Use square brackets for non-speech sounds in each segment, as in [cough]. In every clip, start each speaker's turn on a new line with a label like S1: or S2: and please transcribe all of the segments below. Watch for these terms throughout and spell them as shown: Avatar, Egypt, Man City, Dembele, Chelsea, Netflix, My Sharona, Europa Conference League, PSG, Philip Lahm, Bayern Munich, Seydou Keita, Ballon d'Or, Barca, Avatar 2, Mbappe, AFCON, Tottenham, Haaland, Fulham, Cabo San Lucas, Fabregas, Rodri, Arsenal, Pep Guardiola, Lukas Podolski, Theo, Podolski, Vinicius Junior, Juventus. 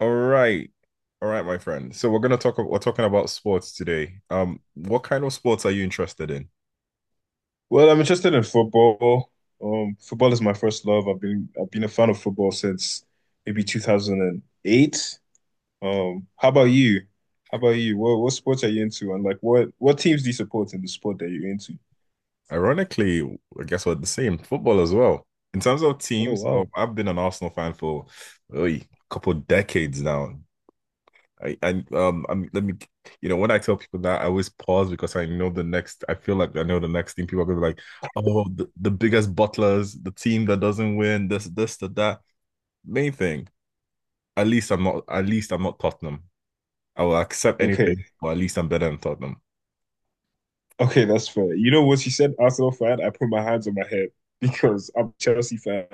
S1: All right. All right, my friend. So we're talking about sports today. What kind of sports are you interested in?
S2: Well, I'm interested in football. Football is my first love. I've been a fan of football since maybe 2008. Um, how about you? How about you? What sports are you into, and like what teams do you support in the sport that you're into?
S1: Ironically, I guess we're the same, football as well. In terms of
S2: Oh
S1: teams,
S2: wow.
S1: I've been an Arsenal fan for a couple decades now. Let me when I tell people that I always pause because I feel like I know the next thing people are gonna be like, oh the biggest butlers, the team that doesn't win, this, that, that. Main thing, at least I'm not Tottenham. I will accept
S2: Okay,
S1: anything, or at least I'm better than Tottenham.
S2: okay, that's fair. You know, what she said Arsenal fan, I put my hands on my head [laughs] because I'm a Chelsea fan.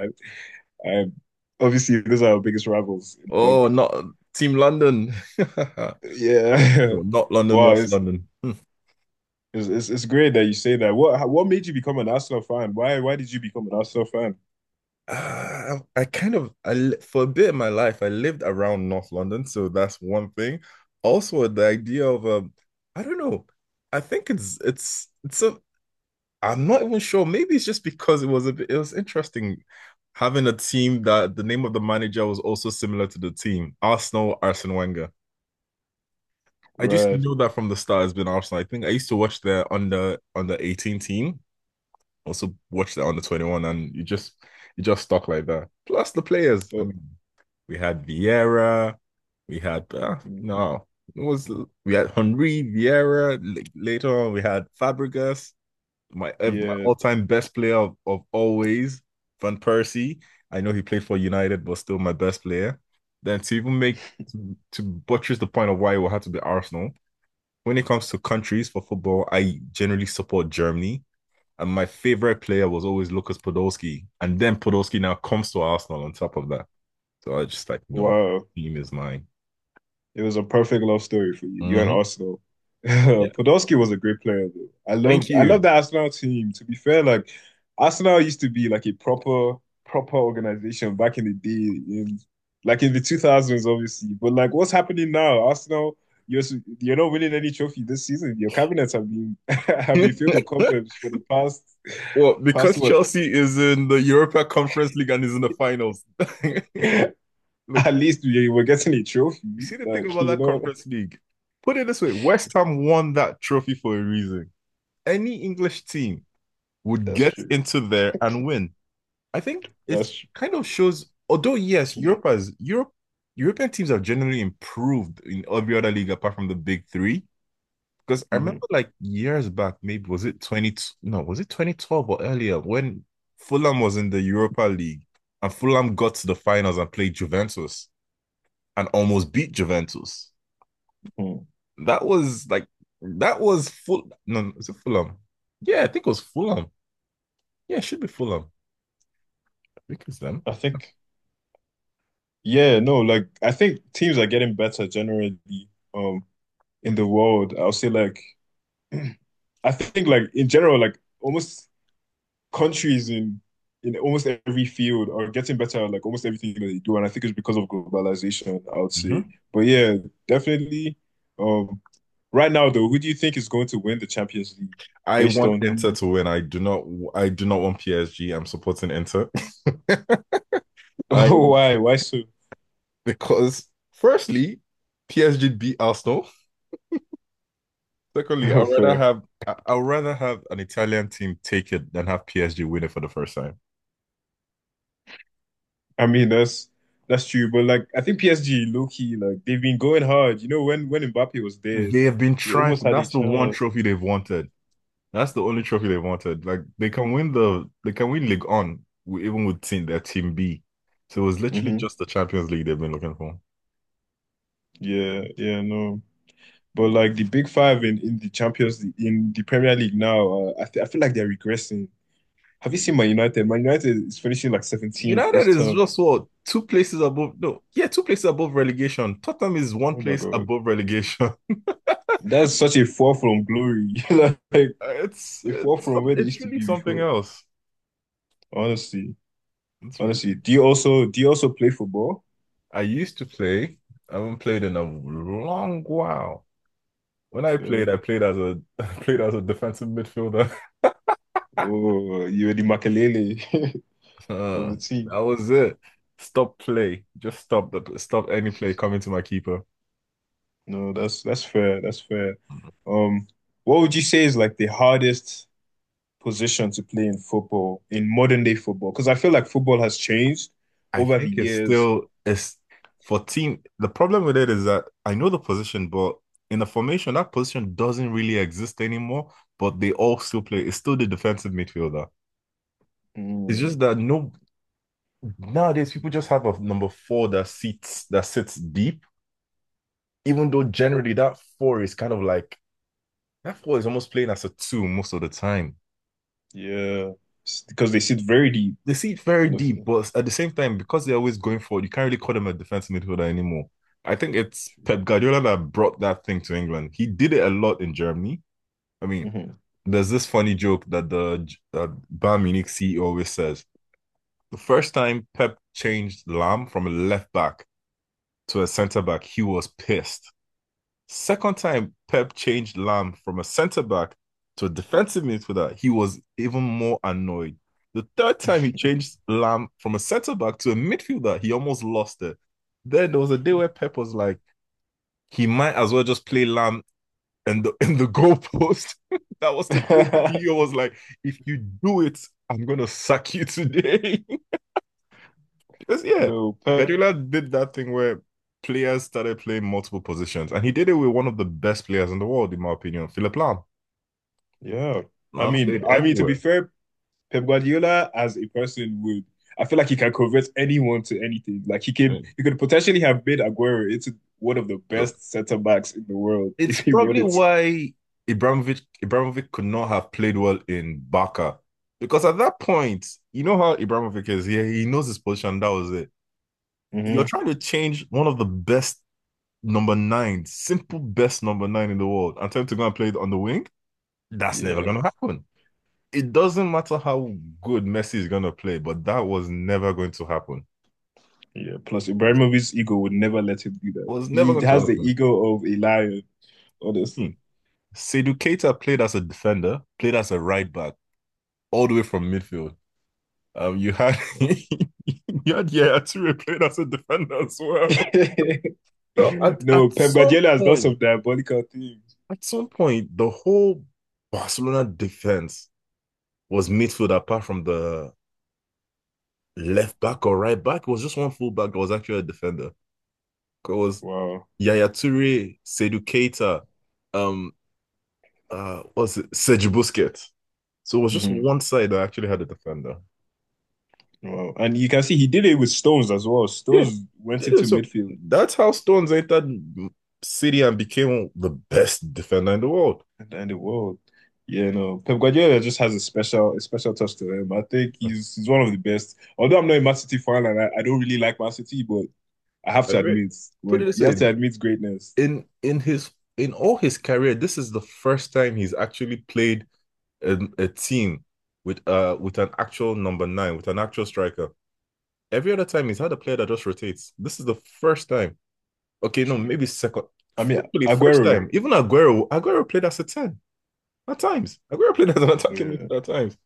S2: I'm Obviously those are our biggest rivals in
S1: Oh,
S2: London.
S1: not Team London. [laughs]
S2: Yeah.
S1: Oh, not
S2: [laughs]
S1: London,
S2: Wow,
S1: West
S2: it's
S1: London. Hmm.
S2: It's, it's great that you say that. What made you become an Arsenal fan? Why did you become an Arsenal fan?
S1: Uh, I, kind of, for a bit of my life, I lived around North London, so that's one thing. Also, the idea of, I don't know, I think it's a, I'm not even sure. Maybe it's just because it was interesting having a team that the name of the manager was also similar to the team, Arsenal, Arsene Wenger. I just
S2: Right.
S1: know that from the start has been Arsenal. I think I used to watch their under 18 team, also watch their under 21, and you just stuck like that. Plus the players. I
S2: Oh,
S1: mean, we had Vieira, we had
S2: mm,
S1: no, it was we had Henry Vieira. Later on, we had Fabregas, my
S2: yeah.
S1: all time best player of always, Van Persie. I know he played for United, but still my best player. Then to even make to buttress the point of why it will have to be Arsenal when it comes to countries for football, I generally support Germany. And my favorite player was always Lukas Podolski. And then Podolski now comes to Arsenal on top of that. So I just like, you know what?
S2: Wow.
S1: Team is mine.
S2: It was a perfect love story for you. You and
S1: Mm-hmm.
S2: Arsenal. [laughs]
S1: Yeah.
S2: Podolski was a great player though. I
S1: Thank
S2: loved I
S1: you.
S2: loved the Arsenal team. To be fair, like Arsenal used to be like a proper organization back in the day in like in the 2000s obviously. But like what's happening now? You're s- you're not winning any trophy this season. Your cabinets have been [laughs] have been filled with
S1: [laughs]
S2: cobwebs for the past
S1: Well,
S2: past
S1: because
S2: what?
S1: Chelsea is in the Europa Conference League and is in the finals. [laughs]
S2: [laughs]
S1: Look,
S2: At least we were getting a trophy.
S1: you see the thing
S2: Like,
S1: about
S2: you
S1: that
S2: know,
S1: Conference League? Put it this way, West Ham won that trophy for a reason. Any English team
S2: [laughs]
S1: would
S2: that's
S1: get
S2: true.
S1: into there and win. I think
S2: That's
S1: it's
S2: true.
S1: kind of shows, although yes, Europe has Europe European teams have generally improved in every other league apart from the big three. Because I remember
S2: Mhm.
S1: like years back, maybe was it 20, no, was it 2012 or earlier when Fulham was in the Europa League and Fulham got to the finals and played Juventus and almost beat Juventus.
S2: Mhm.
S1: That was like that was full no, is it Fulham? Yeah, I think it was Fulham. Yeah, it should be Fulham. I think it's them.
S2: I think. Yeah, no, like I think teams are getting better generally um in the world. I'll say like [clears throat] I think like in general, like almost countries in almost every field are getting better at like almost everything that they do. And I think it's because of globalization, I would say.
S1: Mm-hmm.
S2: But yeah, definitely. Um right now though, who do you think is going to win the Champions League
S1: I
S2: based
S1: want Inter
S2: on
S1: to win. I do not. I do not want PSG. I'm supporting Inter. [laughs] I
S2: who? [laughs] why? Why so
S1: because firstly, PSG beat Arsenal. Secondly, I'd
S2: [laughs]
S1: rather
S2: fair?
S1: have I- would rather have an Italian team take it than have PSG win it for the first time.
S2: I mean, that's true, but like I think PSG low key like they've been going hard. You know, when Mbappe was there,
S1: They have been
S2: they
S1: trying for
S2: almost had a
S1: that's the one
S2: chance.
S1: trophy they've wanted. That's the only trophy they wanted. Like they can win League On even with team their team B. So it was literally
S2: Hmm.
S1: just the Champions League they've been looking for.
S2: Yeah, yeah, no. But like the big five in the Champions League, in the Premier League now, I feel like they're regressing. Have you seen Man United? Man United is finishing like 17th
S1: United
S2: this
S1: is
S2: term.
S1: just what two places above. No, yeah, two places above relegation. Tottenham is one
S2: Oh my
S1: place
S2: God.
S1: above relegation. [laughs]
S2: That's such a fall from glory. [laughs] Like a fall from where they
S1: It's
S2: used to
S1: really
S2: be
S1: something
S2: before.
S1: else.
S2: Honestly.
S1: It's really.
S2: Honestly. Do you also play football?
S1: I used to play. I haven't played in a long while. When I played as a [laughs] I played as a defensive midfielder. [laughs]
S2: Oh, you were the Makelele [laughs] of
S1: Uh,
S2: the
S1: that
S2: team.
S1: was it. Stop play. Just stop the stop any play coming to my keeper.
S2: No, that's fair. That's fair. Um, what would you say is like the hardest position to play in football, in modern day football? Because I feel like football has changed
S1: I
S2: over the
S1: think it's
S2: years.
S1: still it's for team. The problem with it is that I know the position, but in the formation, that position doesn't really exist anymore. But they all still play. It's still the defensive midfielder. It's
S2: Mm,
S1: just that no nowadays people just have a number four that sits deep. Even though generally that four is kind of like that four is almost playing as a two most of the time.
S2: yeah. Because they sit very deep
S1: They see it very
S2: on the
S1: deep,
S2: field.
S1: but at the same time, because they're always going forward, you can't really call them a defensive midfielder anymore. I think it's Pep Guardiola that brought that thing to England. He did it a lot in Germany. I mean,
S2: Mhm.
S1: there's this funny joke that the that Bayern Munich CEO always says. The first time Pep changed Lam from a left back to a centre back, he was pissed. Second time Pep changed Lam from a centre back to a defensive midfielder, he was even more annoyed. The third time he changed Lam from a centre back to a midfielder, he almost lost it. Then there was a day where Pep was like, he might as well just play Lam and the in the goalpost. [laughs] That was the day Theo
S2: [laughs]
S1: was like, if you do it, I'm gonna sack you today. [laughs] It's, yeah,
S2: No, Pep.
S1: Guardiola did that thing where players started playing multiple positions, and he did it with one of the best players in the world, in my opinion, Philip Lahm.
S2: Yeah. I
S1: Lahm
S2: mean,
S1: played
S2: I mean to be
S1: everywhere.
S2: fair, Pep Guardiola as a person would. I feel like he can convert anyone to anything. Like he
S1: I
S2: could,
S1: mean,
S2: he could potentially have made Aguero into one of the
S1: look,
S2: best center backs in the world [laughs]
S1: it's
S2: if he
S1: probably
S2: wanted to.
S1: why Ibrahimovic could not have played well in Barca because at that point, you know how Ibrahimovic is. Yeah, he knows his position. That was it. You're
S2: Mhm.
S1: trying to change one of the best number nine in the world, and tell him to go and play it on the wing. That's never
S2: Yeah,
S1: gonna happen. It doesn't matter how good Messi is gonna play, but that was never going to happen.
S2: yeah. Plus, Ibrahimovic's ego would never let him do
S1: It
S2: that.
S1: was never
S2: He
S1: going to
S2: has the
S1: happen.
S2: ego of a lion,
S1: Hmm.
S2: honestly.
S1: Seydou Keita played as a defender, played as a right back, all the way from midfield. You had [laughs] you had Yaya Toure played as a defender as well.
S2: [laughs]
S1: So
S2: No, Pep Guardiola has done some diabolical things.
S1: at some point, the whole Barcelona defense was midfield apart from the left back or right back. It was just one full back that was actually a defender. It was
S2: Wow.
S1: Yaya Toure, Seydou Keita, um, what's it, Serge Busquets. So it was just
S2: Mhm.
S1: one side that actually had a defender.
S2: Wow. And you can see he did it with Stones as well.
S1: Yeah,
S2: Stones went
S1: did
S2: into
S1: it. So
S2: midfield
S1: that's how Stones entered City and became the best defender in the world.
S2: in the world. Yeah, no. Pep Guardiola just has a special touch to him. I think he's one of the best. Although I'm not a Man City fan and I don't really like Man City, but I have to
S1: That's right.
S2: admit
S1: Put it
S2: when
S1: this
S2: you have
S1: way:
S2: to admit greatness.
S1: in his in all his career, this is the first time he's actually played a team with an actual number nine, with an actual striker. Every other time he's had a player that just rotates. This is the first time. Okay, no,
S2: True.
S1: maybe second.
S2: I mean
S1: Actually, first
S2: Aguero.
S1: time. Even Aguero played as a 10 at times. Aguero played as an
S2: Oh,
S1: attacking
S2: yeah.
S1: midfielder at times.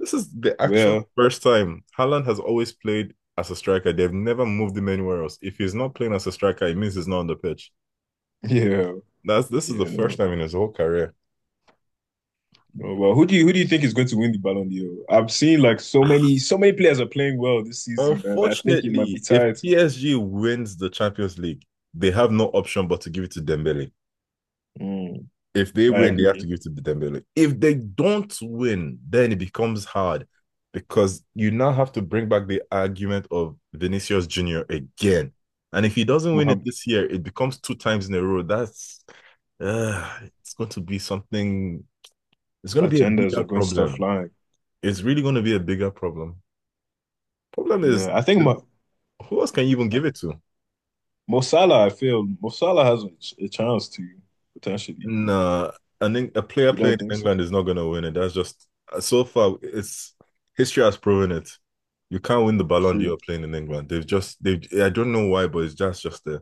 S1: This is the actual
S2: Well,
S1: first time. Haaland has always played as a striker. They've never moved him anywhere else. If he's not playing as a striker, it means he's not on the pitch.
S2: [laughs] yeah,
S1: That's this is the
S2: yeah,
S1: first
S2: no.
S1: time in his whole career.
S2: No, well, who do you think is going to win the Ballon d'Or? I've seen like so many, so many players are playing well this season, and I think it might be
S1: Unfortunately, if
S2: tied to.
S1: PSG wins the Champions League, they have no option but to give it to Dembele.
S2: Mm,
S1: If they
S2: I
S1: win, they have to
S2: agree.
S1: give to the Dembele. If they don't win, then it becomes hard because you now have to bring back the argument of Vinicius Junior again. And if he doesn't win it
S2: Mohamed
S1: this year, it becomes two times in a row. That's it's going to be something. It's going to be a
S2: agendas
S1: bigger
S2: are going to start
S1: problem.
S2: flying.
S1: It's really going to be a bigger problem. Problem is,
S2: Yeah, I think my
S1: who else can you even
S2: I
S1: give it to?
S2: Mo Salah, I feel Mo Salah has a chance to potentially.
S1: Nah, a player
S2: You
S1: playing
S2: don't
S1: in
S2: think so?
S1: England is not going to win it. That's just so far. It's history has proven it. You can't win the Ballon d'Or
S2: True.
S1: playing in England. They've just they. I don't know why, but it's just there.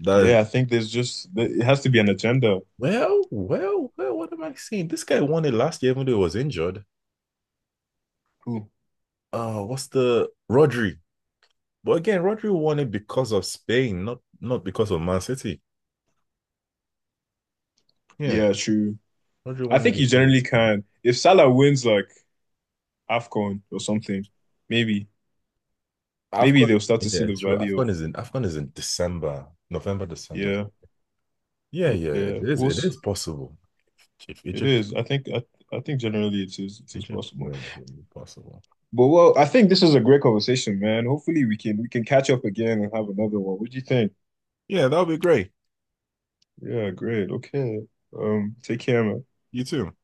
S1: That
S2: Yeah, I think there's just it has to be an agenda.
S1: well, well, well. What am I saying? This guy won it last year, even though he was injured.
S2: Ooh.
S1: What's the Rodri? But again, Rodri won it because of Spain, not because of Man City. Yeah,
S2: Yeah, true.
S1: Rodri
S2: I
S1: won it
S2: think you
S1: because
S2: generally
S1: of
S2: can. If Salah wins like AFCON or something, maybe maybe
S1: AFCON.
S2: they'll start to
S1: Yeah,
S2: see the
S1: it's true.
S2: value of
S1: AFCON is in December, November, December.
S2: yeah,
S1: Yeah, yeah, it
S2: yeah.
S1: is. It is possible. If
S2: It
S1: Egypt,
S2: is. I think generally it is
S1: Egypt
S2: possible.
S1: wins, it will be possible.
S2: But well, I think this is a great conversation, man. Hopefully we can catch up again and have another one. What do you think?
S1: Yeah, that would be great.
S2: Yeah, great. Okay. Take care, man.
S1: You too.